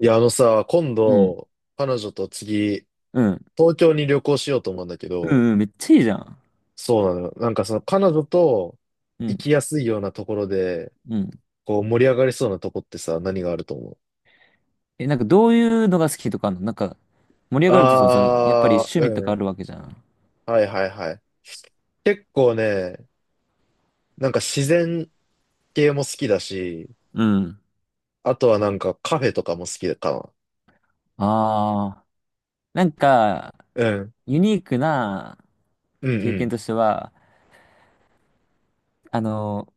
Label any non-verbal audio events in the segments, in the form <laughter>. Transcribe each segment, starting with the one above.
いや、あのさ、今うん。度、彼女と次、うん。東京に旅行しようと思うんだけうど、ん、うん、めっちゃいいじゃん。そうなのよ。なんかその彼女とう行ん。きやすいようなところで、うん。こう盛り上がりそうなとこってさ、何があると思うえ、なんかどういうのが好きとかあんの、なんか、盛り上がるってその、そやっぱりあー、趣味とかうあん。るわけじゃん。はいはいはい。結構ね、なんか自然系も好きだし、うん。あとはなんかカフェとかも好きかああ。なんか、な。うん。ユニークなうんう経験ん。としては、あの、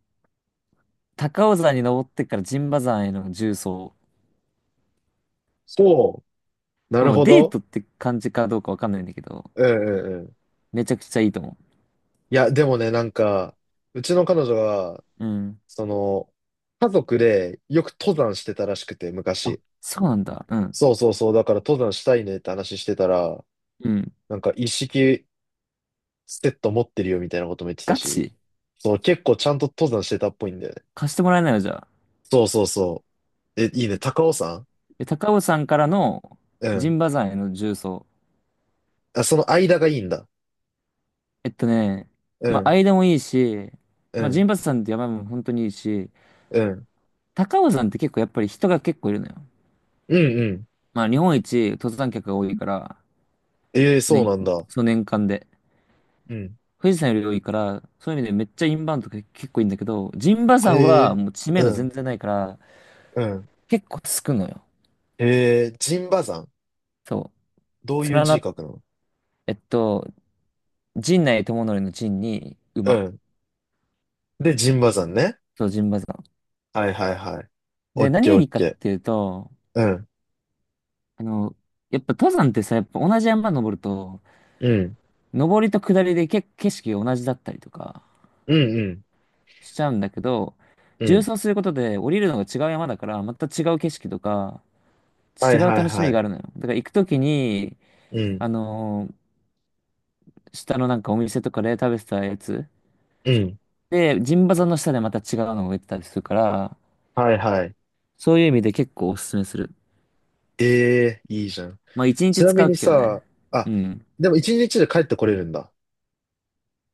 高尾山に登ってから陣馬山への縦走。そう。なまあるもうほデーど。トって感じかどうかわかんないんだけど、うんうんうん。めちゃくちゃいいと思いや、でもね、なんか、うちの彼女がう。うん。その、家族でよく登山してたらしくて、あ、昔。そうなんだ。うん。そうそうそう、だから登山したいねって話してたら、うん。なんか一式セット持ってるよみたいなことも言ってたガし、チそう、結構ちゃんと登山してたっぽいんだよね。貸してもらえないのじゃあ。そうそうそう。え、いいね、高尾山で、高尾山からのう陣ん。馬山への縦走。あ、その間がいいんだ。えっとね、うまあ、ん、間もいいし、うまあ、陣ん、馬山って山も本当にいいし、うん、高尾山って結構やっぱり人が結構いるのよ。うん、うん。まあ、日本一登山客が多いから、ええそう年、なんだ。その年間で。うん。富士山より多いから、そういう意味でめっちゃインバウンドが結構いいんだけど、陣馬山えはえもう知名度う全ん、然ないから、うん。結構つくのよ。ええ陣馬山そどうう。いう連字な、書くのえっと、陣内智則の陣にう馬。ん。で、陣馬山ね。そう、陣馬山。はいはいはい。オッで、何ケーがオいッいかっケていうと、ー。うん。あの、やっぱ登山ってさ、やっぱ同じ山登ると、うん。登りと下りでけ景色が同じだったりとかうんうん。しちゃうんだけど、う縦ん。走することで降りるのが違う山だから、また違う景色とか、は違いうはい楽しはみがあい。るのよ。だから行くときに、うん。あのー下のなんかお店とかで食べてたやつ、うん。で、陣馬山の下でまた違うのが出てたりするから、はいはい。そういう意味で結構おすすめする。ええいいじゃん。まあ一ち日な使みうにけどね。さ、うあ、ん。でも一日で帰ってこれるんだ。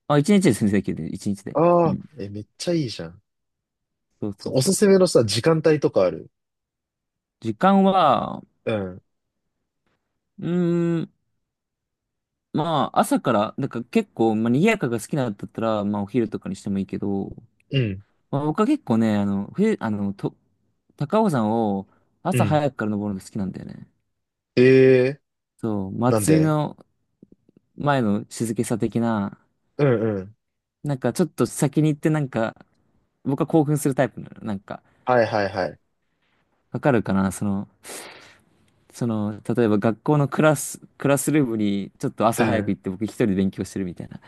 まあ、一日で全然できるね。一日で。うああ、ん。え、めっちゃいいじゃん。そうそそううおそすう。すめのさ、時間帯とかある時間は、うん。うーん、まあ、朝から、なんか結構、まあ、賑やかが好きなんだったら、まあ、お昼とかにしてもいいけど、うん。まあ、僕は結構ね、あの、冬、あの、と、高尾山をう朝ん。早くから登るのが好きなんだよね。ええそう、なん祭りでの前の静けさ的な、うんうん。なんかちょっと先に行ってなんか、僕は興奮するタイプなの。なんか、はいはいはい。わかるかなその、その、例えば学校のクラス、クラスルームにちょっとう朝早くん。行って僕一人で勉強してるみたいな。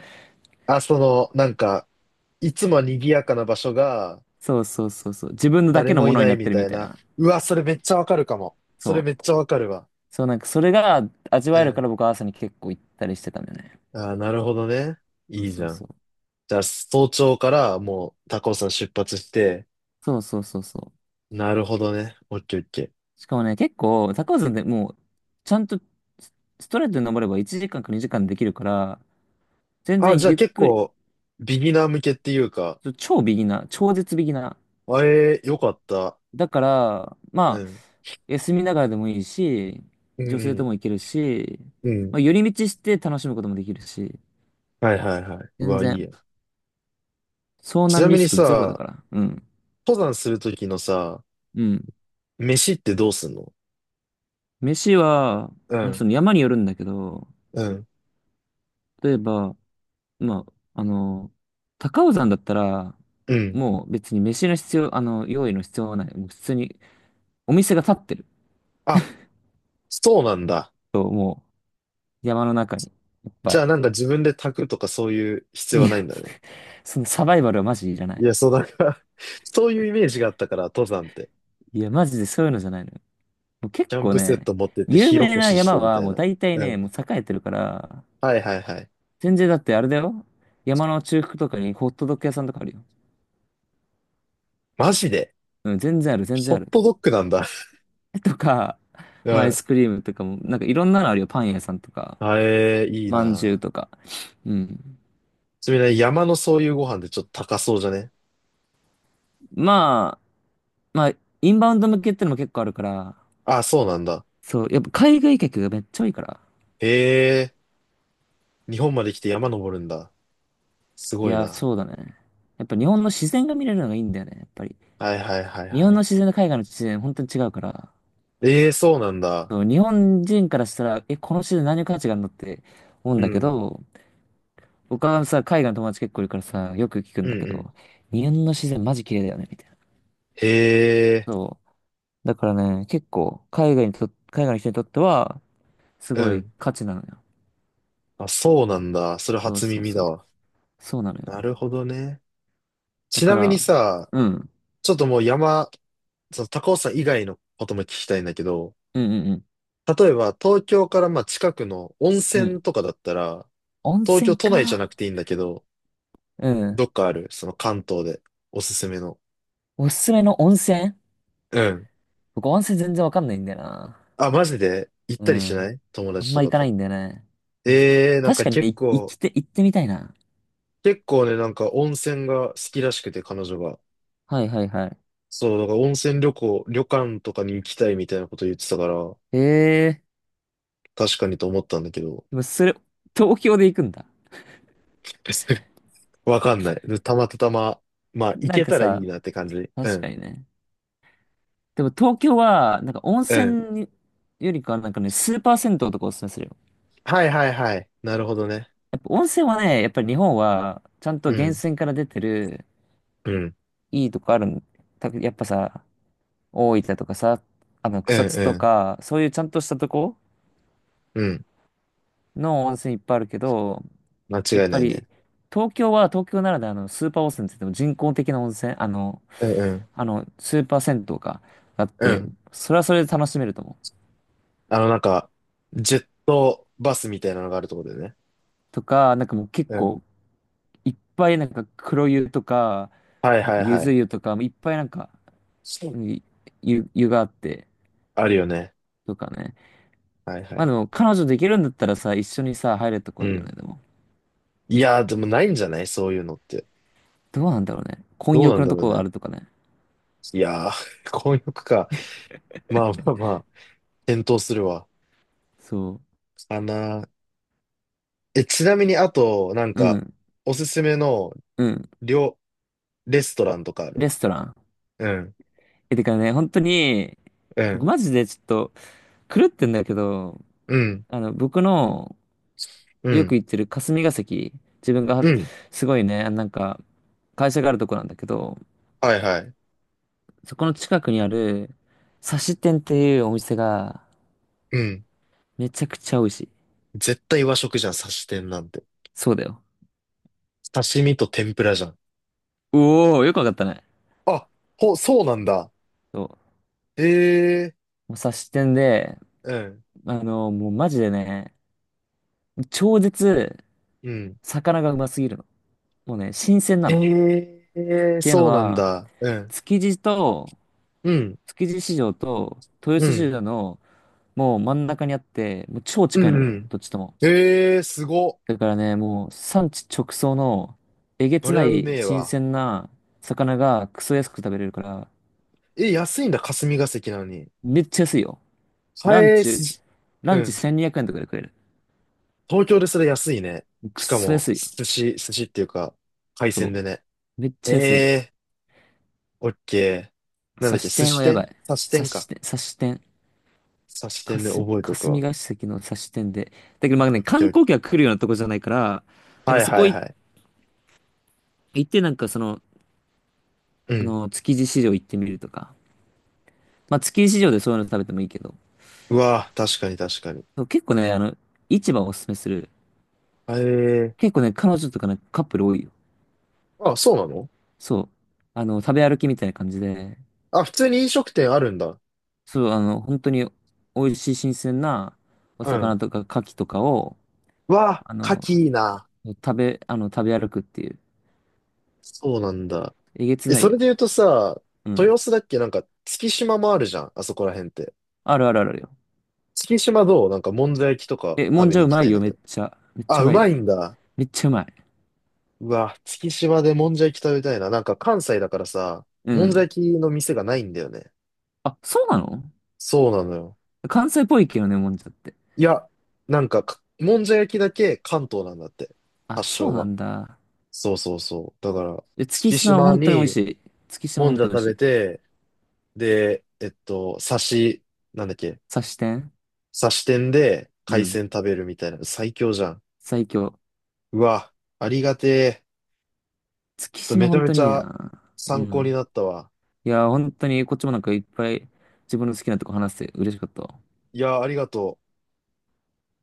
あ、その、なんか、いつも賑やかな場所が、そうそうそうそう。自分のだ誰けのももいのになないっみてるたみいたいな。な。うわ、それめっちゃわかるかも。それそめっう。ちゃわかるわ。そう、なんかそれが味うわえるかん。ら僕は朝に結構行ったりしてたんだよね。ああ、なるほどね。そういいじそうゃそん。う。じゃあ、早朝からもう高尾山出発して、そうそうそうそなるほどね。オッケーオッケー。う。しかもね、結構、高尾山でもう、ちゃんとスストレートに登れば1時間か2時間できるから、全あ、然じゃあゆっ結くり、構、ビギナー向けっていうか、超ビギナー、超絶ビギナあえー、よかった。ー。だから、うまあ、ん。休みながらでもいいし、う女性とんも行けるし、うん。うん。まあ、寄り道して楽しむこともできるし、はいはいはい。う全わ、いい然、や。遭ち難なみリスにクゼロださ、から。うん。登山するときのさ、うん。飯ってどうすんの飯は、うまあ、そん。の山によるんだけど、うん。例えば、まあ、あの、高尾山だったら、うん。もう別に飯の必要、あの、用意の必要はない。もう普通にお店が立ってるあ、そうなんだ。と、もう山の中にいっぱじゃい。あなんか自分で炊くとかそういう必要いはないや、んだね。<laughs> そのサバイバルはマジいらないい。や、そうだから <laughs> そういうイメージがあったから、登山って。いや、マジでそういうのじゃないのよ。もう結キャン構プセッね、ト持ってって有火起名こなしして山みはたいもうな。大体うね、もうん。栄えてるから、はいはいはい。全然だってあれだよ。山の中腹とかにホットドッグ屋さんとかあるよ。マジでうん、全然ある、全然ホあッる。トドッグなんだ。とか、<laughs> うまあアイん。スクリームとかも、なんかいろんなのあるよ。パン屋さんとか。あえー、いいまんじゅうな。とか。うん。ちなみにね山のそういうご飯でちょっと高そうじゃねまあ、まあ、インバウンド向けってのも結構あるから、あ、そうなんだ。そう、やっぱ海外客がめっちゃ多いから。えー、日本まで来て山登るんだ。すいごいや、な。そうだね。やっぱ日本の自然が見れるのがいいんだよね、やっぱり。はいはいはい日は本い。の自然と海外の自然、本当に違うから。えー、そうなんだ。そう、日本人からしたら、え、この自然何の価値があるのって思うんうだけん。ど、僕はさ、海外の友達結構いるからさ、よく聞くんうんだけうど、ん。日本の自然マジ綺麗だよね、みたいな。へえ、そう。だからね、結構、海外にと、海外の人にとっては、すうごいん。価値なのよ。あ、そうなんだ。それそう初そう耳そだう。わ。そうなのなよ。るほどね。だちかなみにら、さ、うん。ちょっともう山、その高尾山以外のことも聞きたいんだけど、うんうん例えば東京からまあ近くの温うん。う泉ん。とかだったら、温東京泉都内じゃか。なくていいんだけど、うどん。っかあるその関東でおすすめの。おすすめの温泉、うん。僕温泉全然わかんないんだよな。あ、マジで行っうたりしん。ない友あん達とま行かかなと。いんだよね。温泉。ええー、なん確かかに、結い行構、きて、行ってみたいな。結構ね、なんか温泉が好きらしくて彼女が。はいはいはい。そう、だから温泉旅行、旅館とかに行きたいみたいなこと言ってたから、ええー、確かにと思ったんだけど、でもそれ、東京で行くんだ。<laughs> わかんない。たまたま、まあ、行なんけかたらいいさ、なって感じ。う確かん。にね。でも東京は、なんか温うん。泉によりかはなんかね、スーパー銭湯とかおすすめするよ。はいはいはい。なるほどね。やっぱ温泉はね、やっぱり日本は、ちゃんとう源ん。泉から出てる、うん。いいとこあるん。たやっぱさ、大分とかさ、う草ん津うとん。か、そういうちゃんとしたとこうん。の温泉いっぱいあるけど、間やっ違いぱないり、ね。東京は東京ならではのスーパー温泉って言っても人工的な温泉、うんうん。スーパー銭湯があっうて、ん。それはそれで楽しめると思う。なんか、ジェットバスみたいなのがあるところでね。とか、なんかもう結うん。構、いっぱいなんか黒湯とか、はいなんはかいゆはずい。湯とか、いっぱいなんか、そううん、湯、湯があって、あるよね。とかね。はいはまあでい。も、彼女できるんだったらさ、一緒にさ、入れとうこいいよね、ん。でも。いやー、でもないんじゃないそういうのって。どうなんだろうね。混どうな浴んのだとろうこがあね。るとかね。いやー、<laughs> 混浴か。まあまあまあ、検討するわ。そかなーえ、ちなみにあと、なんう。うか、ん。おすすめのうん。料、レストランとかあレるストラン。うん、え、てかね、本当に、う僕ん、マジでちょっと狂ってんだけど、うん、僕のうよくん、行ってる霞が関、自分がうん。すごいね、なんか、会社があるとこなんだけど、はいはい。そこの近くにある、刺し店っていうお店が、うん。めちゃくちゃ美味しい。絶対和食じゃん、刺し店なんて。そうだよ。刺身と天ぷらじゃん。おー、よくわかったね。あ、ほ、そうなんだ。そう、ええもう察してんで、うん、もうマジでね、超絶うん。魚がうますぎるの。もうね、新鮮なえの。っえていうのそうなんは、だ。うん、築地と、うん、築地市場と豊う洲市ん、場のもう真ん中にあって、もう超う近いん、うの、ん。どっちとも。ええすご。だからね、もう産地直送のえげそつりなゃういめえ新わ。鮮な魚がクソ安く食べれるから、え、安いんだ、霞が関なのに。めっちゃ安いよ。ラン返チ、す、ラうンチん。1200円とかで食える。東京でそれ安いね。クしかソも、安いよ。寿司、寿司っていうか、海そ鮮でね。う。めっちゃ安い。ええー、オッケー。なんだ差っけ、し寿店司はやば店い。刺し店か。差し店。刺しか店ね、す、覚えとく霞わ。が関の差し店で。だけどまあオね、ッケ観ーオッ光ケ客が来るようなとこじゃないから、ー。なんはかいそはこいいはい。行ってなんかその、うん。築地市場行ってみるとか。まあ築地市場でそういうの食べてもいいけど。うわぁ、確かに確かに。そう結構ね、市場をおすすめする。ええ結構ね、彼女とかね、カップル多いよ。ー。あ、そうなのそう。あの、食べ歩きみたいな感じで。あ、普通に飲食店あるんだ。そう、本当に美味しい新鮮なおう魚ん。とか牡蠣とかを、うわあぁ、の、牡蠣いいな。食べ歩くっていう。そうなんだ。えげつえ、なそいよ。れで言うとさ、うん。豊洲だっけなんか、月島もあるじゃん。あそこら辺って。あるあるあるあるよ。月島どうなんか、もんじゃ焼きとかえ、も食んべじゃにう行きまたいいんよ、だめけっど。ちゃ。めっちゃあ、ううまいよ。まいんだ。めっちゃうまい。うわ、月島でもんじゃ焼き食べたいな。なんか関西だからさ、うもんじゃん。焼きの店がないんだよね。あ、そうなの。そうなのよ。関西っぽいけどね、もんじゃって。いや、なんかか、もんじゃ焼きだけ関東なんだって。あ、発そう祥なが。んだ。そうそうそう。だから、で、月月島は島本当に美味しにい。月島もん本じゃ当に美食味しべい。て、で、なんだっけ、刺し店。刺し店でう海ん。鮮食べるみたいな。最強じゃん。最強。うわ、ありがてえ。月ちょっと島めちゃ本め当ちにいいゃな。う参考にん。なったわ。いや、本当にこっちもなんかいっぱい自分の好きなとこ話して嬉しかったわ。いや、ありがとう。